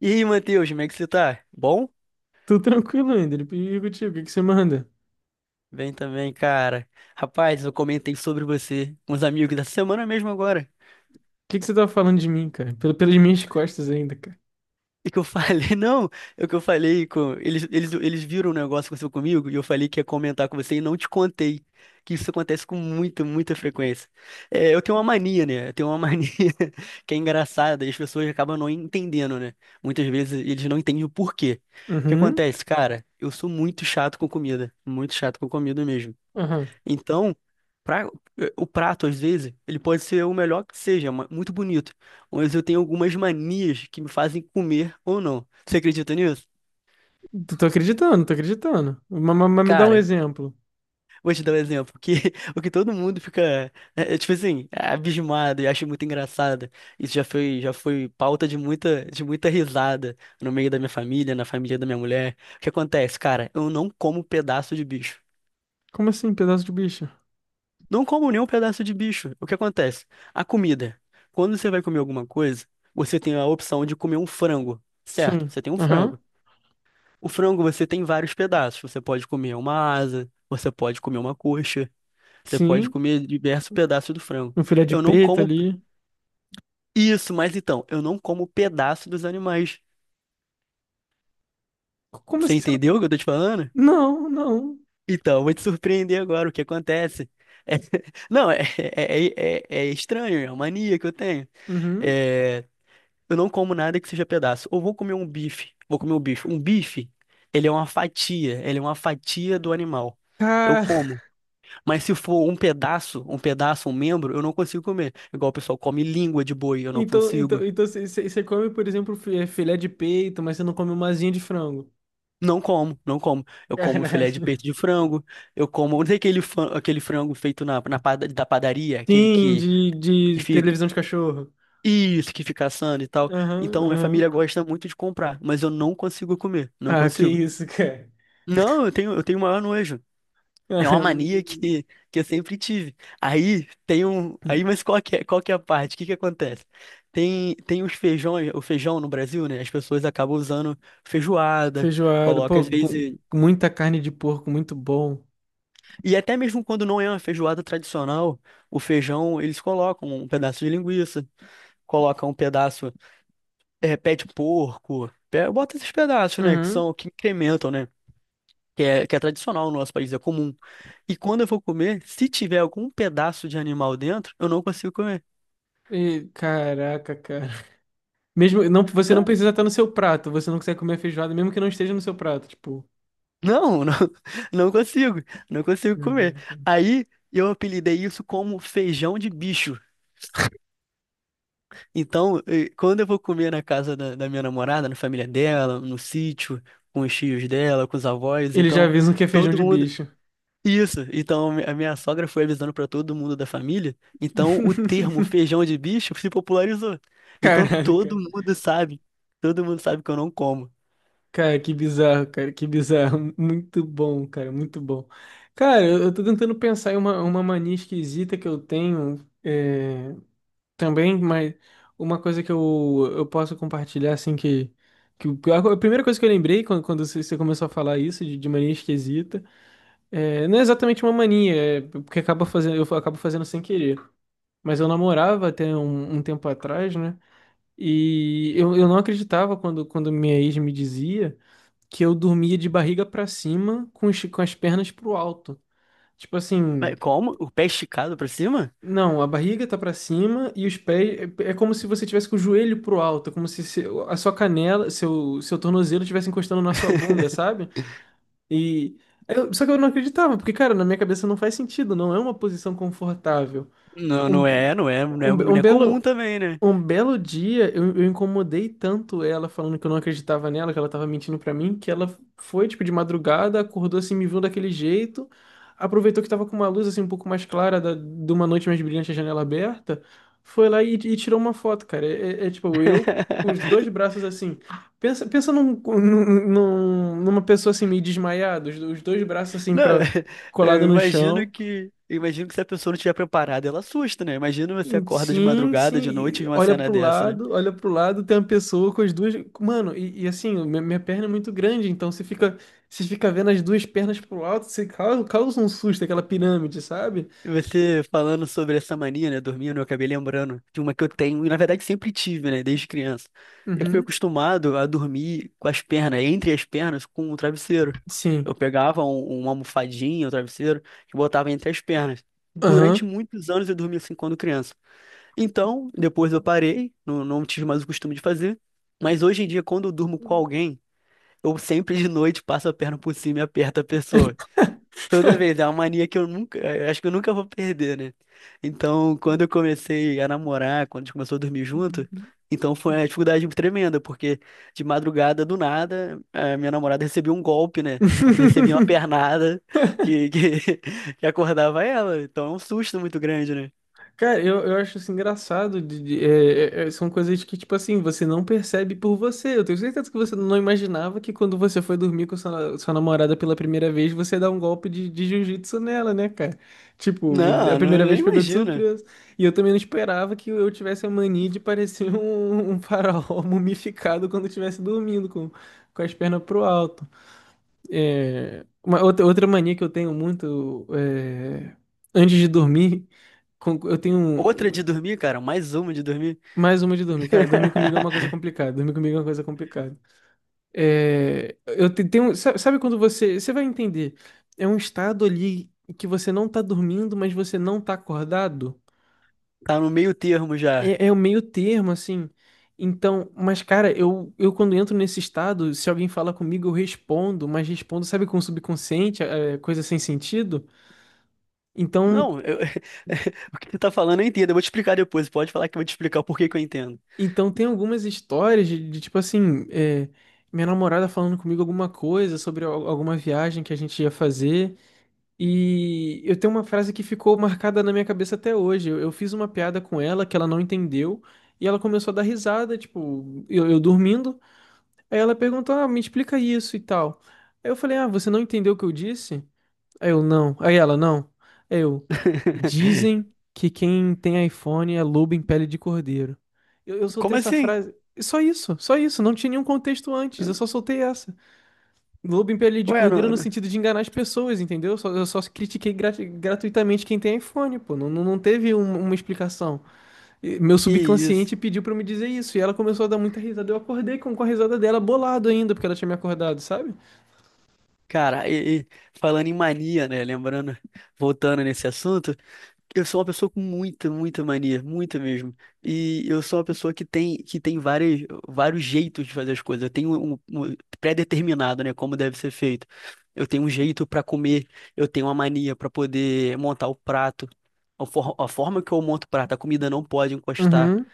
E aí, Matheus, como é que você tá? Bom? Tudo tranquilo ainda. Ele pediu contigo. O que que você manda? Bem também, cara. Rapaz, eu comentei sobre você com os amigos da semana mesmo agora. O que que você tá falando de mim, cara? Pelas minhas costas ainda, cara. E que eu falei, não, é o que eu falei com. Eles viram um negócio que aconteceu comigo e eu falei que ia comentar com você e não te contei. Que isso acontece com muita frequência. É, eu tenho uma mania, né? Eu tenho uma mania que é engraçada e as pessoas acabam não entendendo, né? Muitas vezes eles não entendem o porquê. O que Uhum. acontece, cara? Eu sou muito chato com comida. Muito chato com comida mesmo. Aham. Então, pra- o prato, às vezes, ele pode ser o melhor que seja, muito bonito. Mas eu tenho algumas manias que me fazem comer ou não. Você acredita nisso? Tô acreditando, tô acreditando. Mas me dá um Cara, exemplo. vou te dar um exemplo, que o que todo mundo fica, tipo assim, é abismado e acha muito engraçado. Já foi pauta de de muita risada no meio da minha família, na família da minha mulher. O que acontece, cara? Eu não como pedaço de bicho. Como assim, pedaço de bicho? Não como nenhum pedaço de bicho. O que acontece? A comida. Quando você vai comer alguma coisa, você tem a opção de comer um frango, certo? Sim. Você tem um frango. Aham. O frango você tem vários pedaços. Você pode comer uma asa, você pode comer uma coxa, você pode Sim. comer diversos pedaços do frango. Um filé de Eu não peito como ali. isso, mas então, eu não como pedaço dos animais. Como Você assim você entendeu o que eu tô te falando? não. Não, não. Então, eu vou te surpreender agora. O que acontece? É- Não, é estranho, é uma mania que eu tenho. Uhum. É, Eu não como nada que seja pedaço. Ou vou comer um bife. Vou comer um bife. Um bife, ele é uma fatia. Ele é uma fatia do animal. Eu Ah, como. Mas se for um pedaço, um pedaço, um membro, eu não consigo comer. Igual o pessoal come língua de boi, eu não então, consigo. então, então você come, por exemplo, filé de peito, mas você não come uma asinha de frango. Não como, não como. Eu como filé de Caralho. peito de frango. Eu como. Não tem aquele, aquele frango feito na, da padaria, aquele Sim, de, que de fica. televisão de cachorro. Isso, que fica assando e tal. Aham, Então, minha família aham. gosta muito de comprar, mas eu não consigo comer. Não Ah, que consigo. isso, cara. Não, eu tenho o maior nojo. É uma mania que eu sempre tive. Aí tem um. Aí, mas qual que é a parte? O que que acontece? Tem os feijões, o feijão no Brasil, né? As pessoas acabam usando feijoada, Feijoada, coloca pô, às com vezes. muita carne de porco, muito bom. E até mesmo quando não é uma feijoada tradicional, o feijão eles colocam um pedaço de linguiça, colocam um pedaço, pé de porco, bota esses pedaços, né? Que Uhum. são que incrementam, né? Que é tradicional no nosso país, é comum. E quando eu vou comer, se tiver algum pedaço de animal dentro, eu não consigo comer. E caraca, cara. Mesmo, não, você Hã? não precisa estar no seu prato, você não consegue comer feijoada, mesmo que não esteja no seu prato, tipo. Não, não, não consigo, não consigo comer. Verdade. Aí eu apelidei isso como feijão de bicho. Então, quando eu vou comer na casa da minha namorada, na família dela, no sítio, com os tios dela, com os avós, Eles já então avisam que é feijão todo de mundo. bicho. Isso, então a minha sogra foi avisando para todo mundo da família, então o termo feijão de bicho se popularizou. Então Caralho, cara. Todo mundo sabe que eu não como. Cara, que bizarro, cara, que bizarro. Muito bom. Cara, eu tô tentando pensar em uma mania esquisita que eu tenho. É, também, mas uma coisa que eu posso compartilhar, assim, que a primeira coisa que eu lembrei quando, quando você começou a falar isso, de mania esquisita, é, não é exatamente uma mania, é porque acaba fazendo, eu acabo fazendo sem querer. Mas eu namorava até um tempo atrás, né? E eu não acreditava quando, quando minha ex me dizia que eu dormia de barriga pra cima com, com as pernas pro alto. Tipo Mas assim. como? O pé esticado pra cima? Não, a barriga tá pra cima e os pés é, é como se você tivesse com o joelho pro alto, como se a sua canela, seu tornozelo estivesse encostando na sua bunda, sabe? E só que eu não acreditava, porque cara, na minha cabeça não faz sentido, não é uma posição confortável. Não, Um, um, be- não é comum também, né? um belo dia eu incomodei tanto ela falando que eu não acreditava nela, que ela tava mentindo pra mim, que ela foi tipo de madrugada, acordou assim, me viu daquele jeito, aproveitou que tava com uma luz assim um pouco mais clara de uma noite mais brilhante, a janela aberta, foi lá e tirou uma foto, cara. É, tipo eu com os dois braços assim. Pensa, pensa numa pessoa assim meio desmaiada, os dois braços assim Não, para colado no chão. Eu imagino que se a pessoa não estiver preparada, ela assusta, né? Imagina você acorda de Sim, madrugada, de noite, sim. e vê uma cena dessa, né? Olha pro lado, tem uma pessoa com as duas. Mano, e assim, minha perna é muito grande, então você fica vendo as duas pernas pro alto, você causa um susto, aquela pirâmide, sabe? Você falando sobre essa mania, né, dormindo, eu acabei lembrando de uma que eu tenho, e na verdade sempre tive, né, desde criança. Eu fui Uhum. acostumado a dormir com as pernas, entre as pernas, com o travesseiro. Sim. Eu pegava uma almofadinha, o travesseiro, e botava entre as pernas. Durante Aham. muitos anos eu dormi assim quando criança. Então, depois eu parei, não tive mais o costume de fazer, mas hoje em dia, quando eu durmo com alguém, eu sempre de noite passo a perna por cima e aperto a pessoa. Toda vez, é uma mania que eu nunca, eu acho que eu nunca vou perder, né? Então, quando eu comecei a namorar, quando a gente começou a dormir junto, então foi uma dificuldade tremenda, porque de madrugada, do nada, a minha namorada recebia um golpe, né? Eu recebia uma pernada que, que, que acordava ela. Então é um susto muito grande, né? Cara, eu acho isso engraçado. São coisas que, tipo assim, você não percebe por você. Eu tenho certeza que você não imaginava que quando você foi dormir com sua, sua namorada pela primeira vez, você ia dar um golpe de jiu-jitsu nela, né, cara? Tipo, a Não, não, primeira nem vez pegou de imagina. surpresa. E eu também não esperava que eu tivesse a mania de parecer um faraó mumificado quando estivesse dormindo com as pernas pro alto. É, uma outra, outra mania que eu tenho muito é, antes de dormir, com- eu tenho Outra um- de dormir, cara, mais uma de dormir. mais uma de dormir, cara. Dormir comigo é uma coisa complicada. Dormir comigo é uma coisa complicada. É, tenho, sabe quando você, você vai entender? É um estado ali que você não tá dormindo, mas você não tá acordado. Tá no meio termo já. É, é o meio termo, assim. Então, mas cara, eu quando entro nesse estado, se alguém fala comigo, eu respondo, mas respondo, sabe, com o subconsciente, é, coisa sem sentido. Então. Não, eu- o que você tá falando eu entendo. Eu vou te explicar depois. Pode falar que eu vou te explicar o porquê que eu entendo. Então tem algumas histórias de, tipo assim, é, minha namorada falando comigo alguma coisa sobre alguma viagem que a gente ia fazer. E eu tenho uma frase que ficou marcada na minha cabeça até hoje. Eu fiz uma piada com ela que ela não entendeu. E ela começou a dar risada, tipo, eu dormindo. Aí ela perguntou, ah, me explica isso e tal. Aí eu falei, ah, você não entendeu o que eu disse? Aí eu não. Aí ela, não. Aí eu. Dizem que quem tem iPhone é lobo em pele de cordeiro. Eu soltei Como essa assim? frase. Só isso, só isso. Não tinha nenhum contexto antes. Eu só soltei essa. Lobo em pele de Ué, cordeiro no sentido de enganar as pessoas, entendeu? Eu só critiquei gratuitamente quem tem iPhone, pô. Não teve uma explicação. E meu que isso? subconsciente pediu pra eu me dizer isso. E ela começou a dar muita risada. Eu acordei com a risada dela bolado ainda, porque ela tinha me acordado, sabe? Cara, falando em mania, né? Lembrando, voltando nesse assunto. Eu sou uma pessoa com muita mania, muita mesmo. E eu sou uma pessoa que tem várias, vários jeitos de fazer as coisas. Eu tenho um pré-determinado, né, como deve ser feito. Eu tenho um jeito para comer, eu tenho uma mania para poder montar o prato. A forma que eu monto o prato, a comida não pode encostar. Uhum,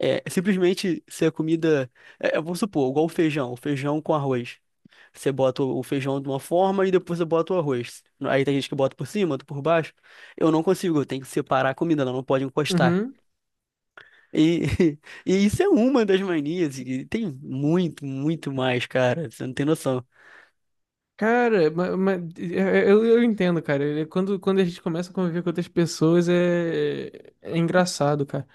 É simplesmente se a comida, vamos supor, igual o feijão com arroz. Você bota o feijão de uma forma e depois você bota o arroz. Aí tem gente que bota por cima, outro por baixo. Eu não consigo, eu tenho que separar a comida, ela não pode encostar. uhum. E, e isso é uma das manias, e tem muito mais, cara, você não tem noção. Cara, eu entendo, cara. Quando, quando a gente começa a conviver com outras pessoas, é, é engraçado, cara.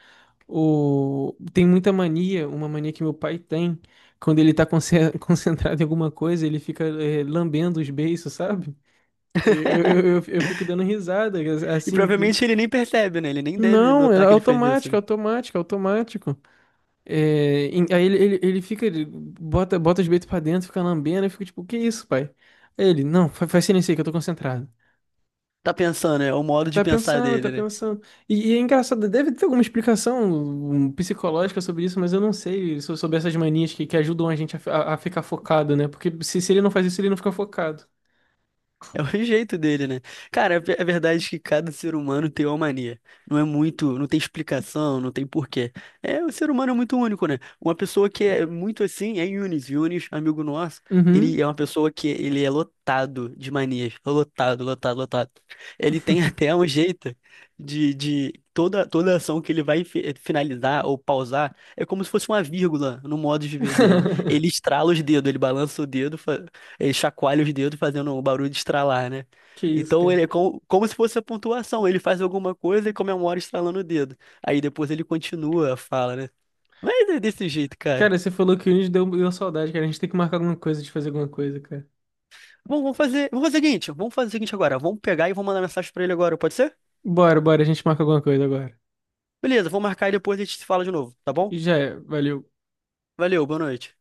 O, tem muita mania, uma mania que meu pai tem. Quando ele tá conce- concentrado em alguma coisa, ele fica lambendo os beiços, sabe? Eu, eu fico dando risada, E assim. provavelmente ele nem percebe, né? Ele nem deve Não, é notar que ele fez isso, automático, né? automático, automático. É, aí ele fica, ele bota, bota os beitos pra dentro, fica lambendo, eu fico tipo, que isso, pai? Aí ele, não, faz silêncio aí que eu tô concentrado. Tá pensando, é o modo de Tá pensar pensando, tá dele, né? pensando. E é engraçado, deve ter alguma explicação um, psicológica sobre isso, mas eu não sei sobre essas manias que ajudam a gente a, a ficar focado, né? Porque se ele não faz isso, ele não fica focado. É o jeito dele, né? Cara, é verdade que cada ser humano tem uma mania. Não é muito, não tem explicação, não tem porquê. É, o ser humano é muito único, né? Uma pessoa que é muito assim é Yunis. Yunis, amigo nosso, ele Uhum. é uma pessoa que ele é lotado de manias. Lotado, lotado, lotado. Ele tem até um jeito de toda ação que ele vai finalizar ou pausar é como se fosse uma vírgula no modo de ver dele. Ele estrala os dedos, ele balança o dedo, ele chacoalha os dedos fazendo um barulho de estralar, né? Que isso, Então cara. ele é como, como se fosse a pontuação. Ele faz alguma coisa e comemora estralando o dedo. Aí depois ele continua a fala, né? Mas é desse jeito, cara. Cara, você falou que hoje deu, deu saudade, cara. A gente tem que marcar alguma coisa, de fazer alguma coisa, cara. Bom, vamos fazer o seguinte, vamos fazer o seguinte agora. Vamos pegar e vou mandar mensagem pra ele agora, pode ser? Bora, bora, a gente marca alguma coisa agora. Beleza, vou marcar e depois a gente se fala de novo, tá bom? E já é, valeu. Valeu, boa noite.